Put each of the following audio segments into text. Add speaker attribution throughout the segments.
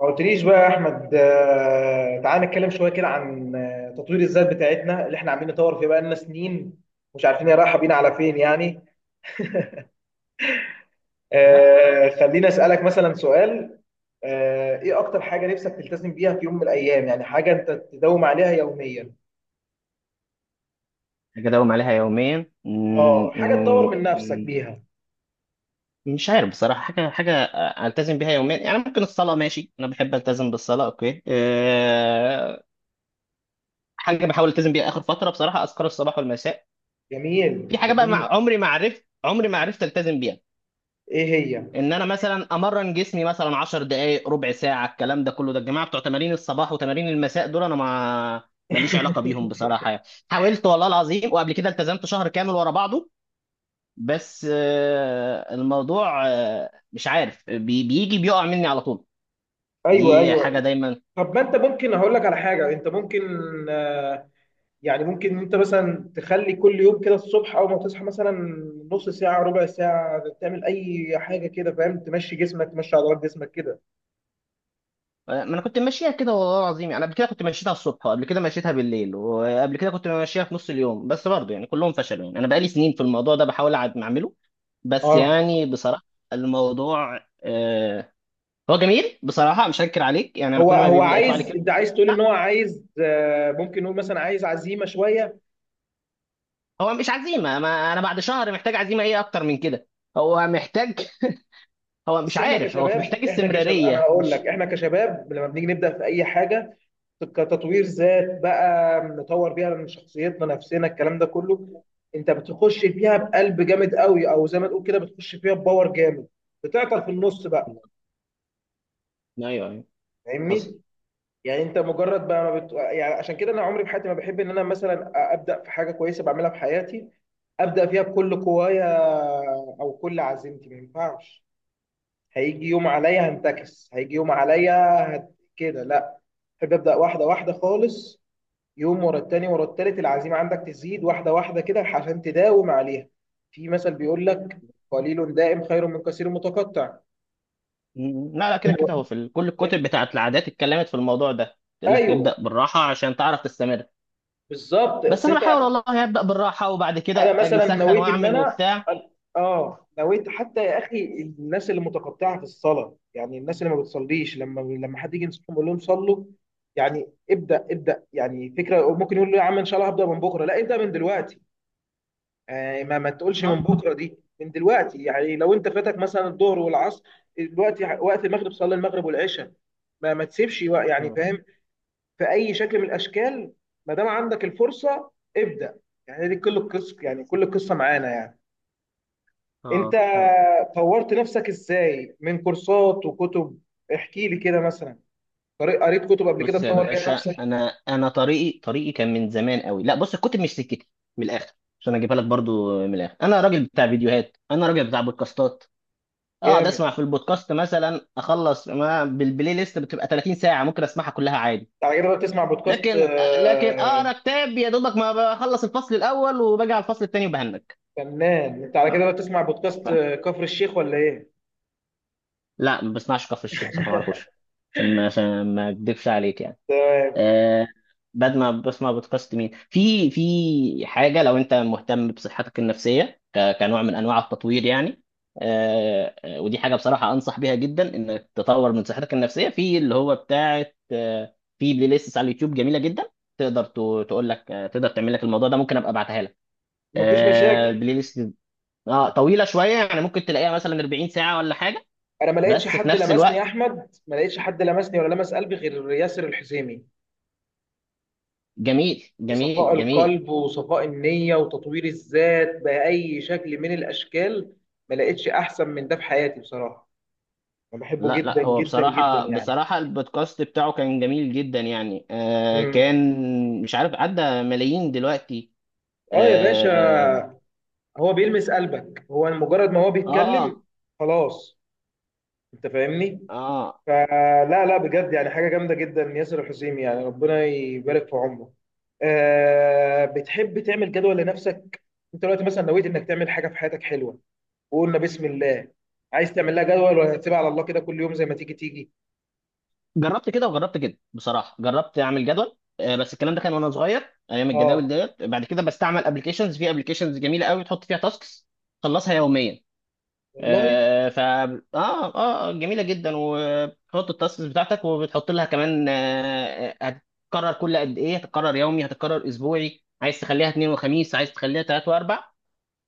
Speaker 1: ما قلتليش بقى يا احمد، تعال نتكلم شويه كده عن تطوير الذات بتاعتنا اللي احنا عاملين نطور فيه بقالنا سنين. مش عارفين هي رايحه بينا على فين يعني.
Speaker 2: لا.
Speaker 1: خليني اسالك مثلا سؤال. ايه اكتر حاجه نفسك تلتزم بيها في يوم من الايام؟ يعني حاجه انت تداوم عليها يوميا.
Speaker 2: حاجة أداوم عليها يوميا،
Speaker 1: اه، حاجه تطور من نفسك بيها.
Speaker 2: مش عارف بصراحة. حاجة ألتزم بيها يوميا، يعني ممكن الصلاة، ماشي. أنا بحب ألتزم بالصلاة، أوكي. حاجة بحاول ألتزم بيها آخر فترة بصراحة، أذكار الصباح والمساء. في
Speaker 1: جميل
Speaker 2: حاجة بقى،
Speaker 1: جميل.
Speaker 2: مع عمري ما عرفت، عمري ما عرفت ألتزم بيها.
Speaker 1: ايه هي؟
Speaker 2: إن أنا مثلا أمرن جسمي مثلا 10 دقايق، ربع ساعة، الكلام ده كله. ده الجماعة بتوع تمارين الصباح وتمارين المساء دول أنا ما ماليش علاقة بيهم بصراحة يعني. حاولت والله العظيم، وقبل كده التزمت شهر كامل ورا بعضه. بس الموضوع مش عارف، بيجي بيقع مني على طول.
Speaker 1: ايوه
Speaker 2: دي حاجة
Speaker 1: ايوه.
Speaker 2: دايما.
Speaker 1: طب ما انت ممكن، هقول لك على حاجه انت ممكن آه، يعني، ممكن انت مثلا تخلي كل يوم كده الصبح اول ما تصحى مثلا نص ساعة ربع ساعة تعمل اي حاجة كده، فاهم؟ تمشي جسمك، تمشي عضلات جسمك كده.
Speaker 2: ما انا كنت ماشيها كده والله العظيم يعني، قبل كده كنت مشيتها الصبح، وقبل كده مشيتها بالليل، وقبل كده كنت ماشيها في نص اليوم، بس برضه يعني كلهم فشلوا. يعني انا بقالي سنين في الموضوع ده بحاول اعمله. بس
Speaker 1: اه.
Speaker 2: يعني بصراحة الموضوع هو جميل بصراحة، مش هنكر عليك يعني، انا
Speaker 1: هو
Speaker 2: كل ما
Speaker 1: هو
Speaker 2: بيبدأ يطلع لي
Speaker 1: عايز،
Speaker 2: كده.
Speaker 1: انت عايز تقول ان هو عايز ممكن نقول مثلا عايز عزيمة شوية.
Speaker 2: هو مش عزيمة. ما انا بعد شهر محتاج عزيمة ايه اكتر من كده؟ هو محتاج، هو مش
Speaker 1: اصل احنا
Speaker 2: عارف، هو
Speaker 1: كشباب،
Speaker 2: محتاج
Speaker 1: انا
Speaker 2: استمرارية،
Speaker 1: هقول لك،
Speaker 2: مش.
Speaker 1: احنا كشباب لما بنيجي نبدأ في اي حاجة كتطوير ذات بقى، نطور بيها من شخصيتنا نفسنا الكلام ده كله، انت بتخش فيها بقلب جامد قوي او زي ما تقول كده بتخش فيها بباور جامد، بتعطل في النص بقى.
Speaker 2: ايوه ايوه، حصل.
Speaker 1: فاهمني؟ يعني انت مجرد بقى ما بت... يعني عشان كده انا عمري في حياتي ما بحب ان انا مثلا ابدا في حاجه كويسه بعملها في حياتي، ابدا فيها بكل قوايا او كل عزيمتي، ما ينفعش. هيجي يوم عليا هنتكس، هيجي يوم عليا هت... كده لا. بحب ابدا واحده واحده خالص، يوم ورا التاني ورا التالت، العزيمة عندك تزيد واحدة واحدة كده عشان تداوم عليها. في مثل بيقول لك، قليل دائم خير من كثير متقطع.
Speaker 2: لا لا، كده كده، هو في كل الكتب بتاعت العادات اتكلمت في الموضوع ده، تقول لك
Speaker 1: ايوه
Speaker 2: ابدأ بالراحة عشان تعرف تستمر.
Speaker 1: بالظبط،
Speaker 2: بس
Speaker 1: اصل
Speaker 2: انا
Speaker 1: انت،
Speaker 2: بحاول والله ابدأ بالراحة، وبعد كده
Speaker 1: انا
Speaker 2: اجي
Speaker 1: مثلا
Speaker 2: مسخن
Speaker 1: نويت ان
Speaker 2: واعمل
Speaker 1: انا،
Speaker 2: وبتاع.
Speaker 1: اه نويت، حتى يا اخي، الناس اللي متقطعه في الصلاه يعني الناس اللي ما بتصليش، لما حد يجي ينصحهم يقول لهم صلوا، يعني ابدا ابدا، يعني فكره ممكن يقول له يا عم ان شاء الله هبدا من بكره، لا، ابدا من دلوقتي. ما تقولش من
Speaker 2: اه
Speaker 1: بكره، دي من دلوقتي. يعني لو انت فاتك مثلا الظهر والعصر، دلوقتي وقت المغرب، صلي المغرب والعشاء. ما تسيبش يعني
Speaker 2: اه
Speaker 1: فاهم، في اي شكل من الاشكال، ما دام عندك الفرصه ابدا. يعني دي كل القصه، يعني كل القصه معانا يعني. انت
Speaker 2: اه آه.
Speaker 1: طورت نفسك ازاي؟ من كورسات وكتب؟ احكي لي كده مثلا. قريت كتب قبل كده
Speaker 2: بص يا
Speaker 1: تطور بيها
Speaker 2: باشا،
Speaker 1: نفسك؟
Speaker 2: انا طريقي كان من زمان قوي. لا بص، الكتب مش سكتي. من الاخر، عشان اجيبها لك برضو من الاخر، انا راجل بتاع فيديوهات، انا راجل بتاع بودكاستات. اقعد
Speaker 1: جامد.
Speaker 2: اسمع في البودكاست، مثلا اخلص ما بالبلاي ليست بتبقى 30 ساعه، ممكن اسمعها كلها عادي.
Speaker 1: على كده بقى بتسمع بودكاست
Speaker 2: لكن لكن اقرا كتاب، يا دوبك ما بخلص الفصل الاول وباجي على الفصل الثاني وبهنك.
Speaker 1: فنان. انت على كده بقى بتسمع بودكاست
Speaker 2: ف-
Speaker 1: كفر الشيخ ولا ايه؟
Speaker 2: لا، ما بسمعش كفر الشيخ بصراحه، ما اعرفوش، عشان ما، عشان ما اكدبش عليك يعني.
Speaker 1: تمام،
Speaker 2: آه، بعد ما بسمع بودكاست مين؟ في حاجه لو انت مهتم بصحتك النفسيه، كنوع من انواع التطوير يعني. ودي حاجه بصراحه انصح بيها جدا، انك تطور من صحتك النفسيه في اللي هو بتاعه. في بلاي ليست على اليوتيوب جميله جدا. تقدر تقول لك تقدر تعمل لك الموضوع ده. ممكن ابقى ابعتها لك.
Speaker 1: مفيش مشاكل.
Speaker 2: بلاي ليست اه طويله شويه، يعني ممكن تلاقيها مثلا 40 ساعه ولا حاجه،
Speaker 1: انا ما لقيتش
Speaker 2: بس في
Speaker 1: حد
Speaker 2: نفس
Speaker 1: لمسني
Speaker 2: الوقت.
Speaker 1: يا احمد، ما لقيتش حد لمسني ولا لمس قلبي غير ياسر الحسيمي.
Speaker 2: جميل
Speaker 1: صفاء
Speaker 2: جميل جميل.
Speaker 1: القلب وصفاء النية وتطوير الذات بأي شكل من الأشكال، ما لقيتش أحسن من ده في حياتي بصراحة. أنا بحبه
Speaker 2: لا
Speaker 1: جدا
Speaker 2: لا، هو
Speaker 1: جدا جدا
Speaker 2: بصراحة
Speaker 1: يعني.
Speaker 2: البودكاست بتاعه كان جميل جدا يعني. آه،
Speaker 1: مم.
Speaker 2: كان مش عارف، عدى ملايين دلوقتي.
Speaker 1: آه يا باشا،
Speaker 2: اه
Speaker 1: هو بيلمس قلبك، هو مجرد ما هو بيتكلم
Speaker 2: اه
Speaker 1: خلاص. أنت فاهمني.
Speaker 2: آه.
Speaker 1: فلا لا بجد، يعني حاجة جامدة جدا ياسر الحسيمي، يعني ربنا يبارك في عمره. بتحب تعمل جدول لنفسك؟ انت دلوقتي مثلا نويت انك تعمل حاجة في حياتك حلوة، وقلنا بسم الله، عايز تعمل لها جدول ولا هتسيبها على الله كده كل يوم زي ما تيجي تيجي؟
Speaker 2: جربت كده وجربت كده بصراحة. جربت اعمل جدول بس الكلام ده كان وانا صغير، ايام الجداول
Speaker 1: اه
Speaker 2: ديت. بعد كده بستعمل ابلكيشنز. في ابلكيشنز جميلة قوي تحط فيها تاسكس تخلصها يوميا.
Speaker 1: والله.
Speaker 2: آه، ف اه اه جميله جدا، وبتحط التاسكس بتاعتك، وبتحط لها كمان هتتكرر كل قد ايه، هتتكرر يومي، هتتكرر اسبوعي، عايز تخليها اثنين وخميس، عايز تخليها ثلاث واربع.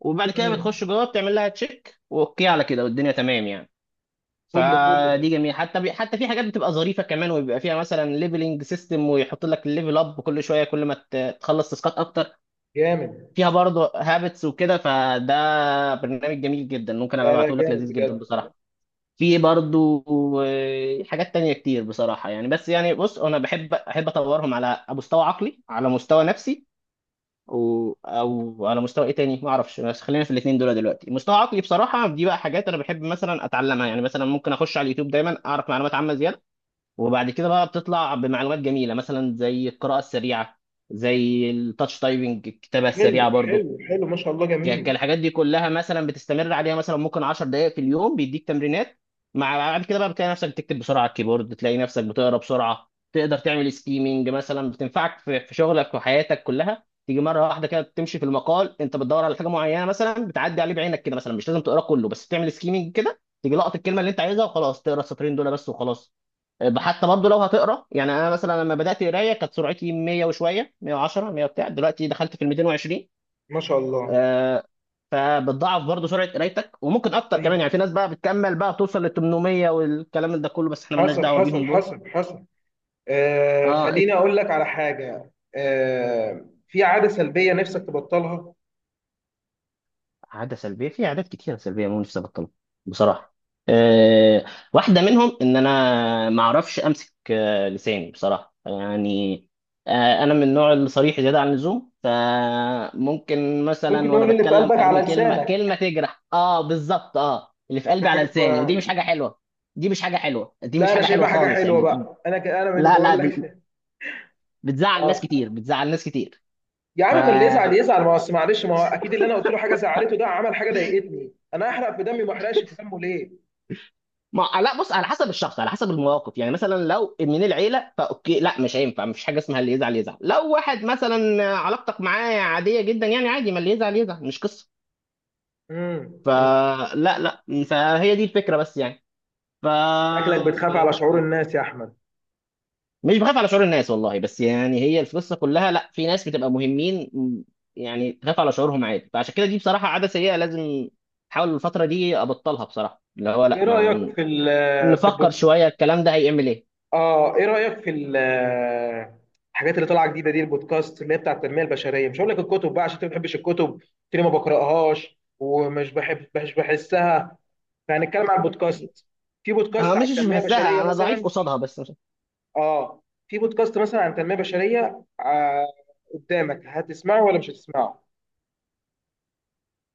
Speaker 2: وبعد كده بتخش
Speaker 1: امم.
Speaker 2: جوه، بتعمل لها تشيك واوكي على كده، والدنيا تمام يعني.
Speaker 1: فل فل ده
Speaker 2: فدي جميله. حتى حتى في حاجات بتبقى ظريفه كمان، وبيبقى فيها مثلا ليفلنج سيستم، ويحط لك الليفل اب كل شويه كل ما تخلص تاسكات اكتر.
Speaker 1: جامد.
Speaker 2: فيها برضه هابتس وكده. فده برنامج جميل جدا، ممكن ابقى
Speaker 1: لا لا
Speaker 2: ابعته لك،
Speaker 1: جامد
Speaker 2: لذيذ جدا
Speaker 1: بجد.
Speaker 2: بصراحه. في برضو حاجات تانية كتير بصراحة يعني. بس يعني بص، أنا بحب أطورهم على مستوى عقلي، على مستوى نفسي، أو على مستوى إيه تاني ما أعرفش، بس خلينا في الاتنين دول دلوقتي. مستوى عقلي بصراحة دي بقى حاجات أنا بحب مثلا أتعلمها، يعني مثلا ممكن أخش على اليوتيوب دايما أعرف معلومات عامة زيادة. وبعد كده بقى بتطلع بمعلومات جميلة، مثلا زي القراءة السريعة، زي التاتش تايبنج، الكتابة
Speaker 1: حلو
Speaker 2: السريعة برضو.
Speaker 1: حلو حلو، ما شاء الله جميل.
Speaker 2: الحاجات دي كلها مثلا بتستمر عليها، مثلا ممكن 10 دقائق في اليوم بيديك تمرينات. مع بعد كده بقى بتلاقي نفسك بتكتب بسرعه على الكيبورد، تلاقي نفسك بتقرا بسرعه، تقدر تعمل سكيمنج مثلا، بتنفعك في شغلك وحياتك كلها. تيجي مره واحده كده تمشي في المقال، انت بتدور على حاجه معينه مثلا، بتعدي عليه بعينك كده، مثلا مش لازم تقرا كله، بس تعمل سكيمنج كده، تيجي لقط الكلمه اللي انت عايزها، وخلاص تقرا السطرين دول بس وخلاص. أه، حتى برضه لو هتقرا، يعني انا مثلا لما بدات قرايه كانت سرعتي 100 وشويه، 110، 100 بتاع، دلوقتي دخلت في ال 220.
Speaker 1: ما شاء الله.
Speaker 2: آه، فبتضاعف برضه سرعه قرايتك، وممكن اكتر كمان،
Speaker 1: طيب،
Speaker 2: يعني في ناس بقى بتكمل بقى توصل ل 800 والكلام ده كله، بس احنا مالناش
Speaker 1: حصل
Speaker 2: دعوه
Speaker 1: حصل
Speaker 2: بيهم دول.
Speaker 1: حصل حصل.
Speaker 2: اه.
Speaker 1: خليني اقول لك على حاجه، في عاده سلبيه نفسك تبطلها؟
Speaker 2: عادة سلبية، في عادات كتيرة سلبية مو نفسي أبطلها بصراحة. أه، واحدة منهم إن أنا ما أعرفش أمسك لساني بصراحة يعني. أه، أنا من النوع الصريح زيادة عن اللزوم، فممكن
Speaker 1: ممكن
Speaker 2: مثلا وأنا
Speaker 1: نقول اللي في
Speaker 2: بتكلم
Speaker 1: قلبك على
Speaker 2: أرمي كلمة،
Speaker 1: لسانك،
Speaker 2: تجرح. أه، بالظبط، أه، اللي في
Speaker 1: دي
Speaker 2: قلبي على
Speaker 1: حاجه
Speaker 2: لساني، ودي
Speaker 1: كويسة.
Speaker 2: مش حاجة حلوة. دي
Speaker 1: لا
Speaker 2: مش
Speaker 1: انا
Speaker 2: حاجة حلوة
Speaker 1: شايفها حاجه
Speaker 2: خالص
Speaker 1: حلوه
Speaker 2: يعني.
Speaker 1: بقى، انا انا من اللي
Speaker 2: لا
Speaker 1: بقول
Speaker 2: لا،
Speaker 1: لك.
Speaker 2: بتزعل ناس
Speaker 1: اه،
Speaker 2: كتير، بتزعل ناس كتير.
Speaker 1: يا
Speaker 2: ف
Speaker 1: عم من اللي يزعل يزعل، ما هو أصل معلش، ما هو اكيد اللي انا قلت له حاجه زعلته ده عمل حاجه ضايقتني، انا احرق في دمي ما احرقش في دمه ليه؟
Speaker 2: ما آه، لا بص، على حسب الشخص، على حسب المواقف. يعني مثلا لو من العيله فاوكي. لا مش هينفع، مفيش حاجه اسمها اللي يزعل يزعل. لو واحد مثلا علاقتك معاه عاديه جدا يعني عادي، ما اللي يزعل يزعل، مش قصه.
Speaker 1: امم.
Speaker 2: فلا لا لا، فهي دي الفكره بس يعني. ف
Speaker 1: شكلك بتخاف على شعور الناس يا احمد.
Speaker 2: مش بخاف على شعور الناس والله، بس يعني هي القصه كلها. لا، في ناس بتبقى مهمين، يعني تخاف على شعورهم عادي. فعشان كده دي بصراحه عاده سيئه، لازم احاول الفتره دي ابطلها بصراحه، اللي هو لا
Speaker 1: ايه رايك
Speaker 2: ما
Speaker 1: في في
Speaker 2: نفكر
Speaker 1: البودكاست؟
Speaker 2: شويه الكلام ده هيعمل ايه.
Speaker 1: اه، ايه رايك في الحاجات اللي طالعه جديده دي، البودكاست اللي هي بتاع التنميه البشريه؟ مش هقول لك الكتب بقى عشان انت ما بتحبش الكتب، قلت لي ما بقراهاش ومش بحب، مش بحسها. فهنتكلم عن البودكاست. في
Speaker 2: انا
Speaker 1: بودكاست عن
Speaker 2: مش، مش
Speaker 1: التنميه البشريه
Speaker 2: بحسها، انا ضعيف
Speaker 1: مثلا.
Speaker 2: قصادها، بس مش.
Speaker 1: اه. في بودكاست مثلا عن التنميه البشريه، قدامك، هتسمعه ولا مش هتسمعه؟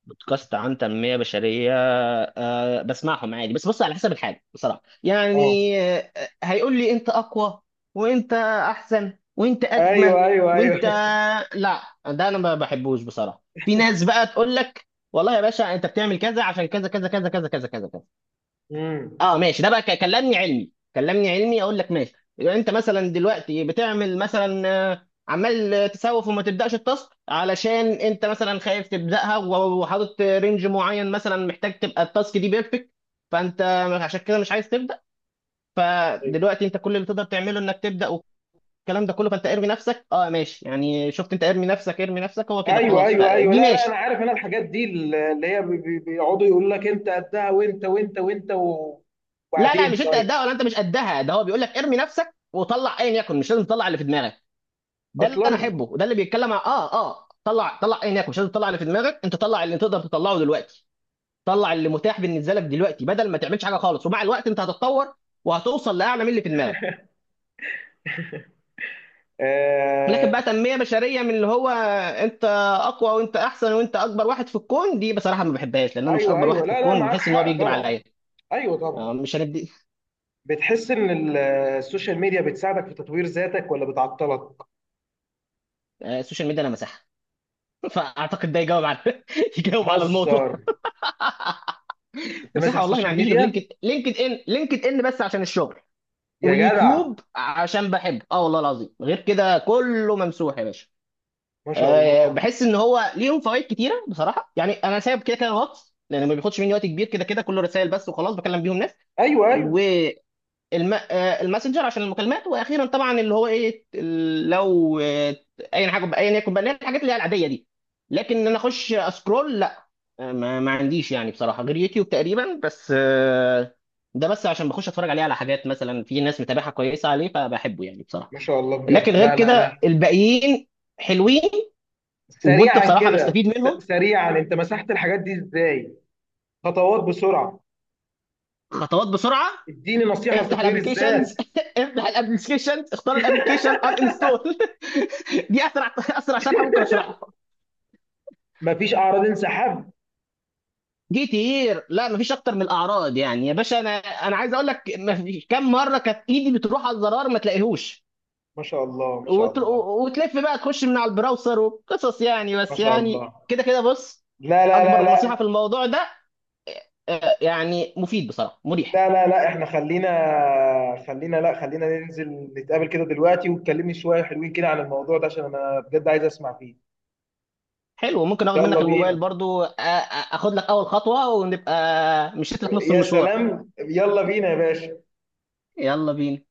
Speaker 2: بودكاست عن تنميه بشريه؟ أه، بسمعهم عادي، بس بص على حسب الحاجه بصراحه
Speaker 1: اه،
Speaker 2: يعني. هيقول لي انت اقوى، وانت احسن، وانت
Speaker 1: ايوه
Speaker 2: اجمل،
Speaker 1: ايوه
Speaker 2: وانت.
Speaker 1: ايوه.
Speaker 2: لا ده انا ما بحبوش بصراحه. في ناس بقى تقول لك والله يا باشا انت بتعمل كذا عشان كذا كذا كذا كذا كذا كذا كذا.
Speaker 1: امم.
Speaker 2: اه ماشي، ده بقى كلمني علمي، كلمني علمي اقول لك ماشي. يبقى انت مثلا دلوقتي بتعمل مثلا عمال تسوف وما تبداش التاسك، علشان انت مثلا خايف تبداها، وحاطط رينج معين، مثلا محتاج تبقى التاسك دي بيرفكت، فانت عشان كده مش عايز تبدا. فدلوقتي انت كل اللي تقدر تعمله انك تبدا والكلام ده كله. فانت ارمي نفسك، اه ماشي يعني، شفت، انت ارمي نفسك، ارمي نفسك، هو كده
Speaker 1: ايوه
Speaker 2: خلاص.
Speaker 1: ايوه ايوه،
Speaker 2: فدي
Speaker 1: لا لا، انا
Speaker 2: ماشي.
Speaker 1: عارف، انا الحاجات دي اللي هي بيقعدوا يقول لك انت قدها وانت وانت وانت
Speaker 2: لا لا،
Speaker 1: وبعدين
Speaker 2: مش انت
Speaker 1: طيب.
Speaker 2: قدها ولا انت مش قدها. ده هو بيقول لك ارمي نفسك وطلع ايا يكن، مش لازم تطلع اللي في دماغك. ده اللي انا
Speaker 1: اصلا
Speaker 2: احبه، وده اللي بيتكلم عن طلع طلع ايه هناك، مش لازم تطلع اللي في دماغك انت، طلع اللي تقدر تطلعه دلوقتي، طلع اللي متاح بالنسبه لك دلوقتي، بدل ما تعملش حاجه خالص، ومع الوقت انت هتتطور وهتوصل لاعلى من اللي في دماغك.
Speaker 1: آه
Speaker 2: لكن بقى تنميه بشريه من اللي هو انت اقوى وانت احسن وانت اكبر واحد في الكون، دي بصراحه ما بحبهاش، لان انا مش
Speaker 1: ايوه
Speaker 2: اكبر
Speaker 1: ايوه.
Speaker 2: واحد في
Speaker 1: لا لا
Speaker 2: الكون،
Speaker 1: معاك
Speaker 2: وبحس ان هو
Speaker 1: حق
Speaker 2: بيكذب
Speaker 1: طبعا.
Speaker 2: عليا.
Speaker 1: ايوه طبعا.
Speaker 2: مش هندي.
Speaker 1: بتحس ان السوشيال ميديا بتساعدك في تطوير ذاتك ولا بتعطلك؟
Speaker 2: السوشيال ميديا انا مساحه. فاعتقد ده يجاوب على يجاوب على الموضوع.
Speaker 1: بتهزر، انت ماسح
Speaker 2: مساحه والله، ما
Speaker 1: السوشيال
Speaker 2: عنديش غير
Speaker 1: ميديا؟
Speaker 2: لينكد، لينكد ان بس عشان الشغل،
Speaker 1: يا جدع
Speaker 2: واليوتيوب عشان بحبه، اه والله العظيم غير كده كله ممسوح يا باشا.
Speaker 1: ما شاء
Speaker 2: أه،
Speaker 1: الله.
Speaker 2: بحس ان هو ليهم فوائد كتيره بصراحه يعني. انا سايب كده كده الواتس، لان ما بياخدش مني وقت كبير، كده كده كله رسائل بس وخلاص بكلم بيهم ناس.
Speaker 1: ايوه ايوه.
Speaker 2: الماسنجر عشان المكالمات. واخيرا طبعا اللي هو ايه، لو اي حاجه ايا يكن بقى، اللي هي الحاجات اللي هي العاديه دي. لكن ان انا اخش اسكرول لا. ما عنديش يعني بصراحه غير يوتيوب تقريبا بس. ده بس عشان بخش اتفرج عليه، على حاجات مثلا في ناس متابعها كويسه عليه، فبحبه يعني بصراحه.
Speaker 1: ما شاء الله
Speaker 2: لكن
Speaker 1: بجد.
Speaker 2: غير
Speaker 1: لا لا
Speaker 2: كده
Speaker 1: لا.
Speaker 2: الباقيين حلوين، وكنت
Speaker 1: سريعا
Speaker 2: بصراحه
Speaker 1: كده،
Speaker 2: بستفيد منهم.
Speaker 1: سريعا انت مسحت الحاجات دي ازاي؟ خطوات بسرعة.
Speaker 2: خطوات بسرعه.
Speaker 1: اديني نصيحة
Speaker 2: افتح
Speaker 1: لتطوير الذات.
Speaker 2: الابلكيشنز. افتح الابلكيشنز، اختار الابلكيشن ان انستول. دي اسرع اسرع شرح ممكن اشرحها.
Speaker 1: مفيش أعراض انسحاب؟
Speaker 2: جيت هير، لا مفيش اكتر من الاعراض يعني يا باشا. انا عايز اقول لك، مفيش- كم مره كانت ايدي بتروح على الزرار ما تلاقيهوش،
Speaker 1: ما شاء الله، ما شاء الله
Speaker 2: وتلف بقى، تخش من على البراوسر وقصص يعني.
Speaker 1: ما
Speaker 2: بس
Speaker 1: شاء
Speaker 2: يعني
Speaker 1: الله.
Speaker 2: كده كده بص،
Speaker 1: لا لا لا
Speaker 2: اكبر نصيحه في
Speaker 1: لا،
Speaker 2: الموضوع ده يعني مفيد بصراحه، مريح.
Speaker 1: لا لا لا، احنا خلينا خلينا، لا، خلينا ننزل نتقابل كده دلوقتي، وتكلمني شوية حلوين كده عن الموضوع ده عشان أنا بجد عايز أسمع فيه.
Speaker 2: حلو. ممكن اخد
Speaker 1: يلا
Speaker 2: منك الموبايل
Speaker 1: بينا.
Speaker 2: برضو؟ اخد لك اول خطوه، ونبقى مشيت لك نص
Speaker 1: يا
Speaker 2: المشوار.
Speaker 1: سلام، يلا بينا يا باشا.
Speaker 2: يلا بينا.